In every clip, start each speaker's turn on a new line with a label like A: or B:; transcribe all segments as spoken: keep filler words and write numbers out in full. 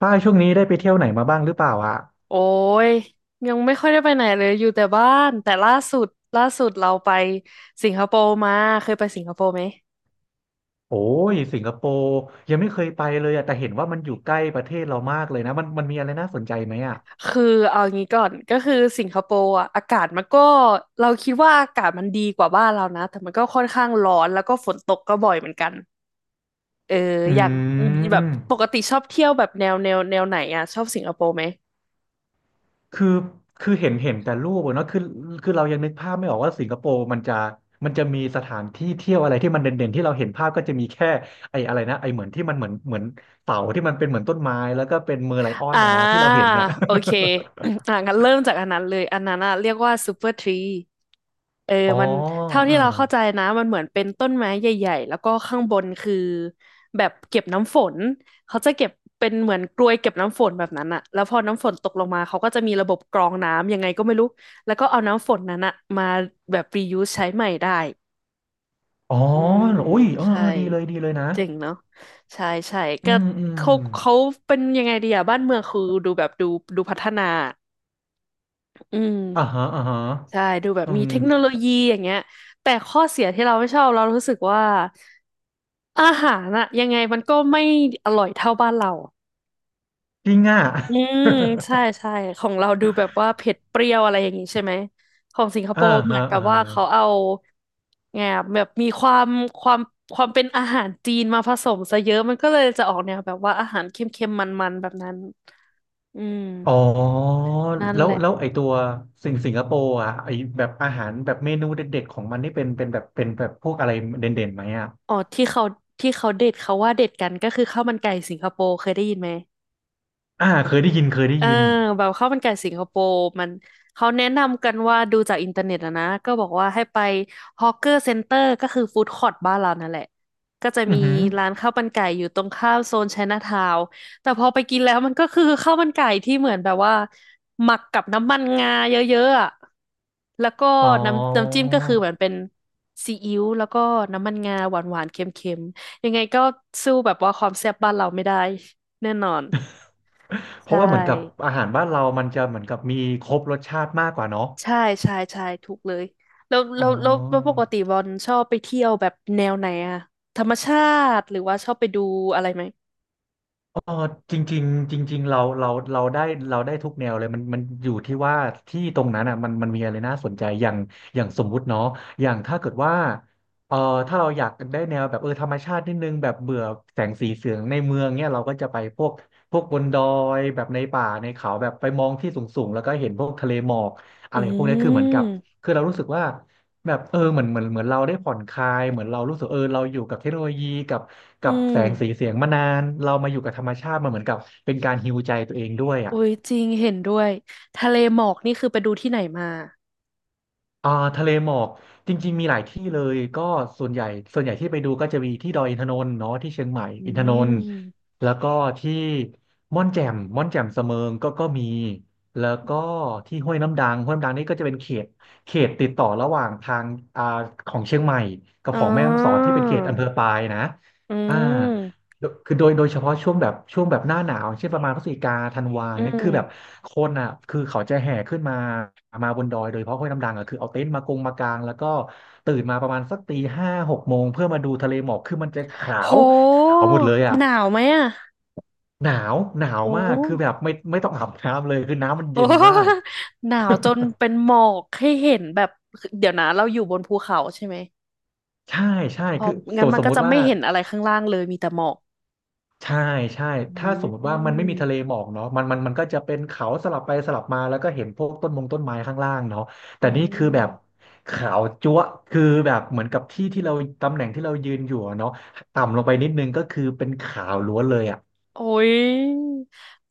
A: ป้ายช่วงนี้ได้ไปเที่ยวไหนมาบ้างหรือเปล่าอ่ะ
B: โอ้ยยังไม่ค่อยได้ไปไหนเลยอยู่แต่บ้านแต่ล่าสุดล่าสุดเราไปสิงคโปร์มาเคยไปสิงคโปร์ไหม
A: โอ้ยสิงคโปร์ยังไม่เคยไปเลยอ่ะแต่เห็นว่ามันอยู่ใกล้ประเทศเรามากเลยนะมันมันมีอะไรน่าสนใจไหมอ่ะ
B: คือเอางี้ก่อนก็คือสิงคโปร์อะอากาศมันก็เราคิดว่าอากาศมันดีกว่าบ้านเรานะแต่มันก็ค่อนข้างร้อนแล้วก็ฝนตกก็บ่อยเหมือนกันเออ
A: อืม
B: อยากแบบปกติชอบเที่ยวแบบแนวแนวแนวไหนอะชอบสิงคโปร์ไหม
A: คือคือเห็นเห็นแต่รูปอะเนาะคือคือเรายังนึกภาพไม่ออกว่าสิงคโปร์มันจะมันจะมีสถานที่เที่ยวอะไรที่มันเด่นๆที่เราเห็นภาพก็จะมีแค่ไอ้อะไรนะไอ้เหมือนที่มันเหมือนเหมือนเสาที่มันเป็นเหมือนต้นไม้แล้วก็เป็นเมอร์ไลออ
B: อ่
A: นนะนะที่เรา
B: า
A: เห็นน่ะ
B: โอเค อ่างั้นเริ่มจากอันนั้นเลยอันนั้นอะเรียกว่าซูเปอร์ทรีเออ
A: อ๋อ
B: มันเท่า
A: เออ
B: ที่เราเข้าใจนะมันเหมือนเป็นต้นไม้ใหญ่ๆแล้วก็ข้างบนคือแบบเก็บน้ำฝนเขาจะเก็บเป็นเหมือนกรวยเก็บน้ำฝนแบบนั้นอะแล้วพอน้ำฝนตกลงมาเขาก็จะมีระบบกรองน้ำยังไงก็ไม่รู้แล้วก็เอาน้ำฝนนั้นอะมาแบบ reuse ใช้ใหม่ได้
A: อ๋อ
B: อืม
A: โอ้ยเออ
B: ใช่
A: เออดีเลยดีเลยนะ
B: เจ๋งเนาะใช่ใช่
A: อื
B: ก็
A: มอืม
B: เขาเขาเป็นยังไงดีอะบ้านเมืองคือดูแบบดูดูพัฒนาอืม
A: อ่าฮะอ่าฮะ
B: ใช่ดูแบบ
A: อื
B: มี
A: ม
B: เทคโนโลยีอย่างเงี้ยแต่ข้อเสียที่เราไม่ชอบเรารู้สึกว่าอาหารอะยังไงมันก็ไม่อร่อยเท่าบ้านเรา
A: จริงอ่ะ
B: อืมใช่ใช่ของเราดูแบบว่าเผ็ดเปรี้ยวอะไรอย่างนี้ใช่ไหมของสิงค โป
A: อ่า
B: ร์เหมื
A: ฮะ
B: อนกั
A: อ่า
B: บว่า
A: ฮะ
B: เขาเอาไงอะแบบมีความความความเป็นอาหารจีนมาผสมซะเยอะมันก็เลยจะออกแนวแบบว่าอาหารเค็มๆมันๆแบบนั้นอืม
A: อ๋อ
B: นั่น
A: แล้
B: แห
A: ว
B: ละ
A: แล้วไอตัวสิงสิงคโปร์อ่ะไอแบบอาหารแบบเมนูเด็ดๆของมันนี่เป็นเป็นแบบเป็นแบบพวกอะไรเด่นๆไหมอ่ะ
B: อ๋อที่เขาที่เขาเด็ดเขาว่าเด็ดกันก็คือข้าวมันไก่สิงคโปร์เคยได้ยินไหม
A: อ่าเคยได้ยินเคยได้
B: เออ
A: ยิน
B: แบบข้าวมันไก่สิงคโปร์มันเขาแนะนำกันว่าดูจากอินเทอร์เน็ตอะนะก็บอกว่าให้ไปฮอ w เกอร์เซ็นเตอร์ก็คือฟู้ดคอร์ t บ้านเรานั่นแหละก็จะ
A: อื
B: มี
A: อหือ
B: ร้านข้าวมันไก่อยู่ตรงข้ามโซนไชน่าทาวน์แต่พอไปกินแล้วมันก็คือข้าวมันไก่ที่เหมือนแบบว่าหมักกับน้ำมันงาเยอะๆอะแล้วก็
A: อ๋อ
B: น้ำน้ำจิ้มก็คือเหมือนเป็นซีอิ๊วแล้วก็น้ำมันงาหวานๆเค็มๆยังไงก็สู้แบบว่าความแซ่บบ้านเราไม่ได้แน่นอน
A: เพ
B: ใช่
A: ราะว่าเหมือนกับอาหารบ้านเรามันจะเหมือนกับมีครบรสชาติมากกว่าเนาะ
B: ใช่ใช่ใช่ถูกเลยแล้ว
A: อ๋
B: แล้
A: อ
B: วแล้วแล้วปกติบอลชอบไปเที่ยวแบบแนวไหนอะธรรมชาติหรือว่าชอบไปดูอะไรไหม
A: เออจริงๆจริงๆเราเราเราได้เราได้ทุกแนวเลยมันมันอยู่ที่ว่าที่ตรงนั้นอ่ะมันมันมีอะไรน่าสนใจอย่างอย่างสมมุติเนาะอย่างถ้าเกิดว่าเออถ้าเราอยากได้แนวแบบเออธรรมชาตินิดนึงแบบเบื่อแสงสีเสียงในเมืองเนี่ยเราก็จะไปพวกพวกบนดอยแบบในป่าในเขาแบบไปมองที่สูงๆแล้วก็เห็นพวกทะเลหมอกอะ
B: อื
A: ไรพวกนี้คือเหมือนกับ
B: ม
A: คือเรารู้สึกว่า แบบเออเหมือนเหมือนเหมือนเราได้ผ่อนคลายเหมือนเรารู้สึกเออเราอยู่กับเทคโนโลยีกับ
B: อื
A: กับแสงสี
B: ม
A: เสียงมานานเรามาอยู่กับธรรมชาติมันเหมือนกับเป็นการฮีลใจตัวเองด้วยอ่ะ
B: อุ้ยจริงเห็นด้วยทะเลหมอกนี่คือไปดูที่ไหนมา
A: อ่าทะเลหมอกจริงๆมีหลายที่เลยก็ส่วนใหญ่ส่วนใหญ่ที่ไปดูก็จะมีที่ดอยอินทนนท์เนาะที่เชียงใหม่
B: อื
A: อินทนนท์
B: ม
A: แล้วก็ที่ม่อนแจ่มม่อนแจ่มเสมิงก็ก็มีแล้วก็ที่ห้วยน้ำดังห้วยน้ำดังนี่ก็จะเป็นเขตเขตติดต่อระหว่างทางอ่าของเชียงใหม่กับ
B: อ๋
A: ของแม่ฮ่องสอน
B: อ
A: ที่เป็นเขตอำเภอปายนะ
B: อื
A: อ่า
B: ม
A: โดยคือโดยโดยเฉพาะช่วงแบบช่วงแบบหน้าหนาวเช่นประมาณพฤศจิกาธันวา
B: อื
A: เนี่ย
B: ม
A: คือแบบคนอ่ะคือเขาจะแห่ขึ้นมามาบนดอยโดยเฉพาะห้วยน้ำดังอ่ะคือเอาเต็นท์มากงมากางแล้วก็ตื่นมาประมาณสักตีห้าหกโมงเพื่อมาดูทะเลหมอกคือมันจะขา
B: โห
A: วขาวหมดเลยอ่ะ
B: หนาวไหมอะ
A: หนาวหนาว
B: โอ
A: มากคือแบ
B: ้
A: บไม่ไม่ต้องอาบน้ำเลยคือน้ำมัน
B: โอ้
A: เย็นมา ก
B: หนาวจนเป็นหมอกให้เห็นแบบเดี๋ยวนะเราอยู่บนภูเขาใช่ไหม
A: ใช่ใช่
B: เพราะ
A: คือส
B: งั้
A: ม
B: น
A: ม
B: มัน
A: สม
B: ก็
A: ม
B: จะ
A: ติว่า
B: ไม่เห็นอะไรข้างล่างเลยมีแต่หมอก
A: ใช่ใช่
B: อื
A: ถ้าสมมติว่ามันไม่
B: ม
A: มีทะเลหมอกเนาะมันมันมันก็จะเป็นเขาสลับไปสลับมาแล้วก็เห็นพวกต้นมงต้นไม้ข้างล่างเนาะ
B: อื
A: แต่นี่คือแบบ
B: ม
A: ขาวจั๊วะคือแบบเหมือนกับที่ที่เราตำแหน่งที่เรายืนอยู่อะเนาะต่ำลงไปนิดนึงก็คือเป็นขาวล้วนเลยอ่ะ
B: โอ้ย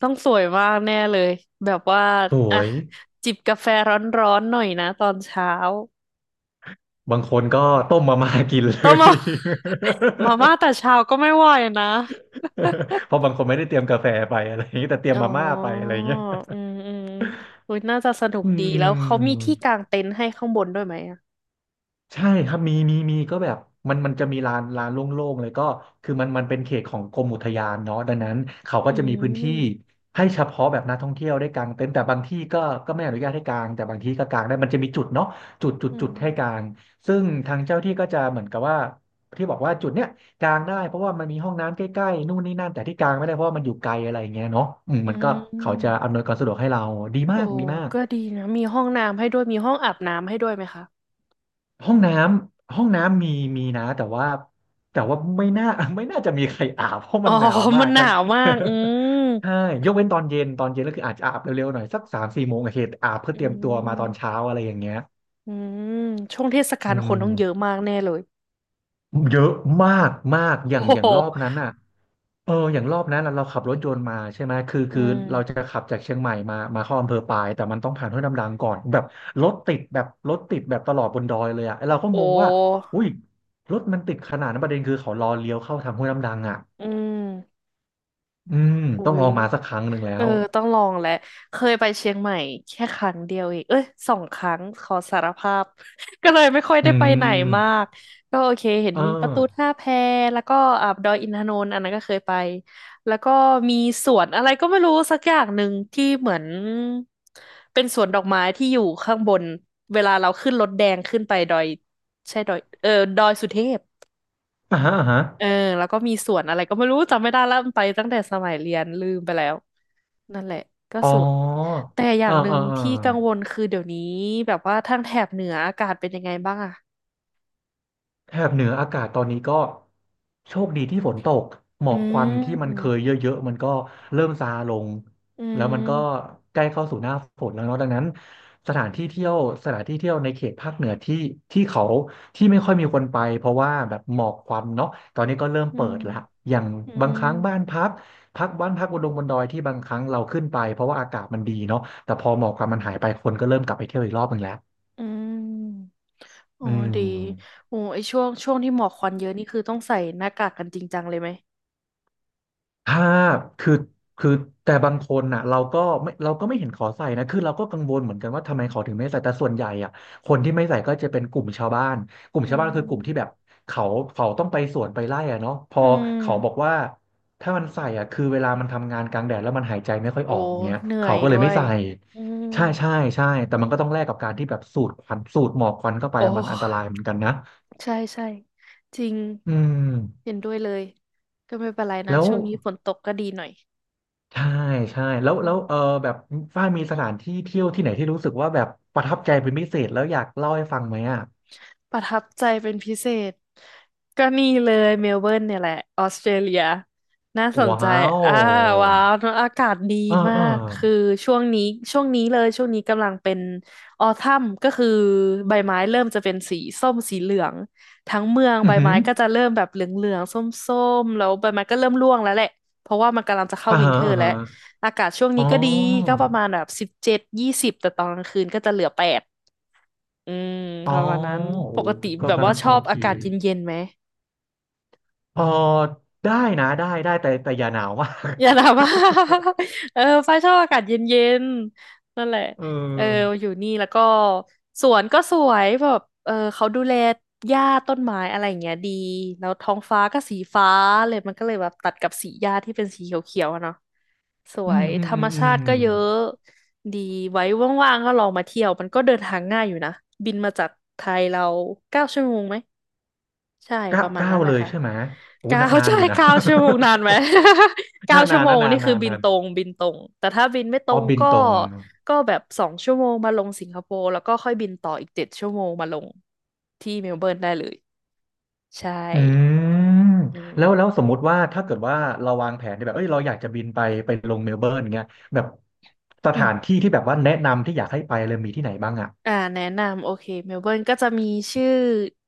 B: ต้องสวยมากแน่เลย แบบว่า
A: สว
B: อ่ะ
A: ย
B: จิบกาแฟร้อนๆหน่อยนะตอนเช้า
A: บางคนก็ต้มมาม่ากินเล
B: ต้อง
A: ย
B: มา มาม่าแต่ เช้าก็ไม่ไหวนะ
A: เพราะบางคนไม่ได้เตรียมกาแฟไปอะไรอย่างนี้แต่เตรีย
B: อ๋
A: ม
B: อ
A: มาม่าไปอะไรอย่างเงี้ย
B: อืมอืมอุ้ยน่าจะสนุก
A: อื
B: ดีแล้วเขามีที่กา
A: ม
B: งเต็นท์ให้ข้างบนด้วยไหมอ่ะ
A: ใช่ครับมีมีมีก็แบบมันมันจะมีลานลานโล่งๆเลยก็คือมันมันเป็นเขตของกรมอุทยานเนาะดังนั้นเขาก็
B: อื
A: จะมีพื้นที่
B: ม
A: ให้เฉพาะแบบนักท่องเที่ยวได้กางเต็นท์แต่บางที่ก็ก็ไม่อนุญาตให้กางแต่บางที่ก็กางได้มันจะมีจุดเนาะจุดจุด
B: อื
A: จุดให้กา
B: ม
A: งซึ่งทางเจ้าที่ก็จะเหมือนกับว่าที่บอกว่าจุดเนี้ยกางได้เพราะว่ามันมีห้องน้ำใกล้ๆนู่นนี่นั่นแต่ที่กางไม่ได้เพราะว่ามันอยู่ไกลอะไรอย่างเงี้ยเนาะอืม
B: อื
A: มันก็เขาจะ
B: ม
A: อำนวยความสะดวกให้เราดีมา
B: โอ้
A: กดีมาก
B: ก็ดีนะมีห้องน้ำให้ด้วยมีห้องอาบน้ำให้ด้วยไหมคะ
A: ห้องน้ำห้องน้ำมีมีนะแต่ว่าแต่ว่าไม่น่า ไม่น่าจะมีใครอาบเพราะ
B: อ๋
A: มั
B: อ
A: นหนาว มา
B: มั
A: ก
B: นห
A: ทั้
B: นา
A: ง
B: วมาก อืม
A: ใช่ยกเว้นตอนเย็นตอนเย็นก็คืออาจจะอาบเร็วๆหน่อยสักสามสี่โมงโอเคอาบเพื่อ
B: อื
A: เตรียมตัวมาตอนเช้า
B: ม
A: อะไรอย่างเงี้ย
B: อืมช่วงเทศกา
A: อื
B: ลคนต้องเยอะ
A: ม
B: มากแน่เลย
A: เยอะมากมาก อย่า
B: โอ้
A: งอย่า
B: โห
A: งรอบนั้นอ่ะ เอออย่างรอบนั้นเราเราขับรถยนต์มาใช่ไหมคือ
B: อื
A: คือเราจะ
B: ม
A: ขับจากเชียงใหม่มามาเข้าอำเภอปายแต่มันต้องผ่านห้วยน้ำดังก่อนแบบรถติดแบบรถติดแบบตลอดบนดอยเลยอ่ะเราก็
B: โอ
A: งงว่า
B: ้
A: อุ้ยรถมันติดขนาดนั้นประเด็นคือเขารอเลี้ยวเข้าทางห้วยน้ำดังอ่ะ
B: อืม
A: อืม
B: อุ๊
A: ต้องล
B: ย
A: องมาสักครั้งหนึ่งแล้
B: เออ
A: ว
B: ต้องลองแหละเคยไปเชียงใหม่แค่ครั้งเดียวเองเอ้ยสองครั้งขอสารภาพ ก็เลยไม่ค่อย
A: อื
B: ได้ไปไหน
A: ม
B: มากก็โอเคเห็น
A: เออ
B: มีประตูท่าแพแล้วก็อ่าดอยอินทนนท์อันนั้นก็เคยไปแล้วก็มีสวนอะไรก็ไม่รู้สักอย่างหนึ่งที่เหมือนเป็นสวนดอกไม้ที่อยู่ข้างบนเวลาเราขึ้นรถแดงขึ้นไปดอยใช่ดอยเออดอยสุเทพ
A: อ่าฮะอ่าฮะ
B: เออแล้วก็มีสวนอะไรก็ไม่รู้จำไม่ได้แล้วมันไปตั้งแต่สมัยเรียนลืมไปแล้วนั่นแหละก็
A: อ๋อ
B: สวนแต่อย่า
A: เออ
B: งหนึ่
A: เอ
B: ง
A: อเออ
B: ที่กังวลคือเดี๋ยวนี้แบบว่าทางแถบเหนืออากาศเป็นยังไงบ้างอะ
A: แถบเหนืออากาศตอนนี้ก็โชคดีที่ฝนตกหม
B: อื
A: อกควันที่มันเค
B: ม
A: ยเยอะๆมันก็เริ่มซาลง
B: อื
A: แล้วมันก็
B: ม
A: ใกล้เข้าสู่หน้าฝนแล้วเนาะดังนั้นสถานที่เที่ยวสถานที่เที่ยวในเขตภาคเหนือที่ที่เขาที่ไม่ค่อยมีคนไปเพราะว่าแบบหมอกควันเนาะตอนนี้ก็เริ่ม
B: อื
A: เปิ
B: ม
A: ดละอย่าง
B: อื
A: บาง
B: ม
A: ครั้งบ้านพักพักบ้านพักบนดงบนดอยที่บางครั้งเราขึ้นไปเพราะว่าอากาศมันดีเนาะแต่พอหมอกควันมันหายไปคนก็เริ่มกลับไปเที่ยวอีกรอบหนึ่งแล้ว
B: อืมอ๋อ
A: อื
B: ดี
A: ม
B: โอ้ไอช่วงช่วงที่หมอกควันเยอะนี่คือต้องใส่หน้ากากกันจริงจังเลยไหม
A: ถ้าคือคือแต่บางคนน่ะเราก็ไม่เราก็ไม่เห็นขอใส่นะคือเราก็กังวลเหมือนกันว่าทำไมเขาถึงไม่ใส่แต่ส่วนใหญ่อ่ะคนที่ไม่ใส่ก็จะเป็นกลุ่มชาวบ้านกลุ่ม
B: อื
A: ชาวบ้านคือกลุ่มที่แบ
B: ม
A: บเขาเขาต้องไปสวนไปไร่อ่ะเนาะพอ
B: อืม
A: เขาบอกว่าถ้ามันใส่อ่ะคือเวลามันทำงานกลางแดดแล้วมันหายใจไม่ค่อย
B: โอ้
A: ออกเงี้ย
B: เหนื่อ
A: เขา
B: ย
A: ก็เล
B: ด้
A: ย
B: ว
A: ไม่
B: ย
A: ใส่
B: อืม
A: ใช่ใช่ใช่แต่มันก็ต้องแลกกับการที่แบบสูดควันสูดหมอกควันเข้าไป
B: โอ้
A: มันอันตรายเหมือนกันนะ
B: ใช่ใช่จริง
A: อืม
B: เห็นด้วยเลย ก็ไม่เป็นไรนะ
A: แล้ว
B: ช่วงนี้ฝนตกก็ดีหน่อย
A: ใช่ใช่แล้ว
B: อื
A: แล้
B: ม
A: วเออแบบฝ้ายมีสถานที่เที่ยวที่ไหนที่รู้สึกว่าแบบประทับใจเป็นพิเศษแล้วอยากเล่าให้ฟังไหมอ่ะ
B: ประทับใจเป็นพิเศษก็นี่เลยเมลเบิร์นเนี่ยแหละออสเตรเลียน่าสนใจ
A: ว้าว
B: อ่าว้าวเนอะอากาศดี
A: เออ
B: มา
A: เออ
B: กคือช่วงนี้ช่วงนี้เลยช่วงนี้กำลังเป็นออทัมก็คือใบไม้เริ่มจะเป็นสีส้มสีเหลืองทั้งเมือง
A: อื
B: ใบ
A: อหื
B: ไม้
A: อ
B: ก็จะเริ่มแบบเหลืองๆส้มๆแล้วใบไม้ก็เริ่มร่วงแล้วแหละเพราะว่ามันกำลังจะเข้า
A: อ่า
B: วิน
A: ฮะ
B: เทอ
A: อ่า
B: ร์แล้ว
A: ฮะ
B: อากาศช่วง
A: อ๋
B: นี้
A: อ
B: ก็ดีก็ประมาณแบบสิบเจ็ดยี่สิบแต่ตอนกลางคืนก็จะเหลือแปด อืม
A: อ๋
B: ป
A: อ
B: ระมาณนั้นป
A: โอ้
B: กติ
A: ยก็
B: แบบ
A: กำ
B: ว่า
A: ลัง
B: ช
A: โอ
B: อบ
A: เค
B: อากาศเย็นๆไหม
A: เออได้นะได้ได้แต่แต่อย่าหนาวมาก
B: อย่าถามว่า เออฟ้าชอบอากาศเย็นๆนั่นแหละ
A: เ
B: เออ
A: ออ
B: อยู่นี่แล้วก็สวนก็สวยแบบเออเขาดูแลหญ้าต้นไม้อะไรอย่างเงี้ยดีแล้วท้องฟ้าก็สีฟ้าเลยมันก็เลยแบบตัดกับสีหญ้าที่เป็นสีเขียวๆอะเนาะส
A: อื
B: ว
A: ม
B: ย
A: อื
B: ธ
A: ม
B: ร
A: อื
B: รม
A: มอื
B: ชา
A: ม
B: ติก็เยอะดีไว้ว่างๆก็ลองมาเที่ยวมันก็เดินทางง่ายอยู่นะบินมาจากไทยเราเก้าชั่วโมงไหม ใช่
A: เก้า
B: ประมาณ
A: เก้า
B: นั้นแห
A: เล
B: ละ
A: ย
B: ค่ะ
A: ใช่ไหมโอ้
B: เก้า
A: นานา น
B: ใช่
A: อยู่นะ
B: เก้าชั่วโมงนานไหม เก้า
A: นาน
B: ชั่
A: นา
B: ว
A: น
B: โม
A: นะ
B: ง
A: นา
B: นี่
A: น
B: คือ
A: นาน
B: บิน
A: นาน
B: ตรงบินตรงแต่ถ้าบินไม่ตร
A: อ๋อ
B: ง
A: บิน
B: ก็
A: ตรง
B: ก็แบบสองชั่วโมงมาลงสิงคโปร์แล้วก็ค่อยบินต่ออีกเจ็ดชั่วโมงมาลงที่เมลเบิร์นได้เลยใช่
A: อืม
B: อืม
A: แล้วแล้วสมมุติว่าถ้าเกิดว่าเราวางแผนทน่แบบเอ้ยเราอยากจะบินไปไปลงเมลเบิร์นเงี้ยแบบส
B: อื
A: ถาน
B: ม
A: ที่ที่แบบว่าแนะนำที่อยากให้ไปเลยมีที่ไหนบ้างอ่ะ
B: อ่าแนะนำโอเคเมลเบิร์นก็จะมีชื่อ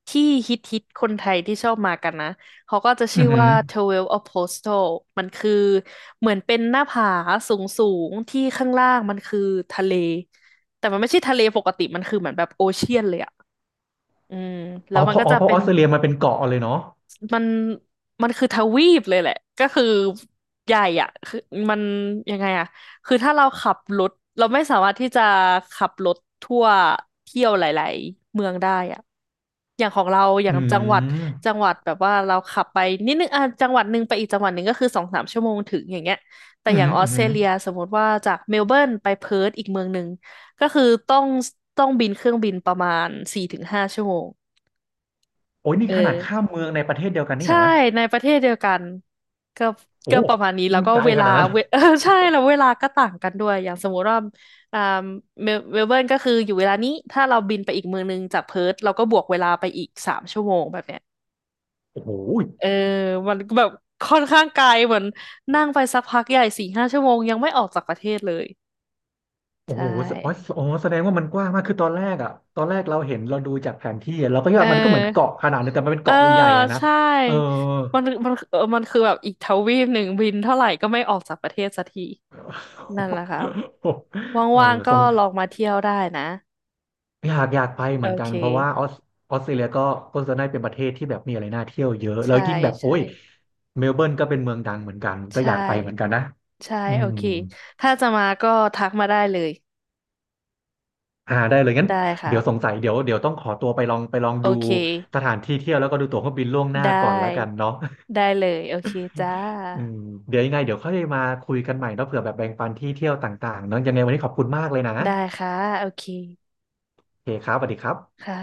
B: ที่ฮิตฮิตคนไทยที่ชอบมากันนะเขาก็จะ
A: อื
B: ชื่
A: อ
B: อ
A: หื
B: ว่า
A: อ
B: Twelve Apostles มันคือเหมือนเป็นหน้าผาสูงสูงที่ข้างล่างมันคือทะเลแต่มันไม่ใช่ทะเลปกติมันคือเหมือนแบบโอเชียนเลยอะอืมแล้
A: อ๋อ
B: วมั
A: เพ
B: น
A: ราะ
B: ก็
A: อ๋อ
B: จะ
A: เพราะ
B: เป็
A: อ
B: น
A: อสเตรเลียมันเป็นเกาะเลยเนาะ
B: มันมันคือทวีปเลยแหละก็คือใหญ่อ่ะคือมันยังไงอ่ะคือถ้าเราขับรถเราไม่สามารถที่จะขับรถทั่วเที่ยวหลายๆเมืองได้อ่ะอย่างของเราอย่า
A: อื
B: งจังหวัดจั
A: ม
B: งหวัดแบบว่าเราขับไปนิดนึงอ่ะจังหวัดหนึ่งไปอีกจังหวัดหนึ่งก็คือสองสามชั่วโมงถึงอย่างเงี้ยแต่
A: อือ
B: อย่าง
A: หือ
B: ออ
A: อื
B: ส
A: อ
B: เต
A: หื
B: ร
A: อ
B: เลียสมมติว่าจากเมลเบิร์นไปเพิร์ธอีกเมืองหนึ่งก็คือต้องต้องบินเครื่องบินประมาณสี่ถึงห้าชั่วโมง
A: โอ้ยนี่
B: เออ
A: ขนาดข้ามเมืองในประเทศเดียวกันนี่
B: ใช่
A: นะ
B: ในประเทศเดียวกันก็
A: โอ้
B: ก็ประมาณนี้แล้
A: มั
B: ว
A: น
B: ก็
A: ไกล
B: เว
A: ข
B: ลา
A: นาดนั้น
B: เว เออ ใช่แล้วเวลาก็ต่างกันด้วยอย่างสมมุติว่าอ่าเมลเมลเบิร์นก็คืออยู่เวลานี้ถ้าเราบินไปอีกเมืองนึงจากเพิร์ธเราก็บวกเวลาไปอีกสามชั่วโมงแบบเนี้ย
A: โอ้โห
B: เออมันก็แบบค่อนข้างไกลเหมือนนั่งไปสักพักใหญ่สี่ห้าชั่วโมงยังไม่ออกจากประเทศเลย
A: โอ้
B: ใช่
A: โหแสอ๋อแสอ๋อแสดงว่ามันกว้างมากคือตอนแรกอ่ะตอนแรกเราเห็นเราดูจากแผนที่อะเราก็คิด
B: เอ
A: ว่ามันก็เหมือนเกาะ
B: อ
A: ขนาดนึงแต่มันเป็น
B: เออ
A: เกาะใหญ่ๆอะนะ
B: ใช่
A: เออ
B: มันมันเออมันคือแบบอีกทวีปหนึ่งบินเท่าไหร่ก็ไม่ออกจากประเทศสักทีนั่นแหละค่ะ
A: เออ
B: ว่างๆ
A: ทร
B: ก็
A: ง
B: ลองมาเที่ยวได้นะ
A: อยากอยากไปเห
B: โอ
A: มือนกั
B: เค
A: นเพราะว่าออสออสเตรเลียก็ก็จะได้เป็นประเทศที่แบบมีอะไรน่าเที่ยวเยอะแล้ว
B: ใช่
A: ยิ่งแบบโอ้
B: ใช่
A: ยเมลเบิร์นก็เป็นเมืองดังเหมือนกันก็
B: ใช่
A: อยากไปเหมือนกันนะ
B: ใช่
A: อื
B: โอ
A: ม
B: เคถ้าจะมาก็ทักมาได้เลย
A: อ่าได้เลยงั้น
B: ได้ครั
A: เดี๋ยวสง
B: บ
A: สัยเดี๋ยวเดี๋ยวต้องขอตัวไปลองไปลอง
B: โอ
A: ดู
B: เค
A: สถานที่เที่ยวแล้วก็ดูตั๋วเครื่องบินล่วงหน้า
B: ได
A: ก่อนแล้วกัน
B: ้
A: เนาะ
B: ได้เลยโอเคจ้า
A: อืมเดี๋ยวยังไงเดี๋ยวค่อยมาคุยกันใหม่เนาะเผื่อแบบแบ่งปันที่เที่ยวต่างๆเนาะยังไงวันนี้ขอบคุณมากเลยนะ
B: ได้ค่ะโอเค
A: โอเคครับสวัสดีครับ
B: ค่ะ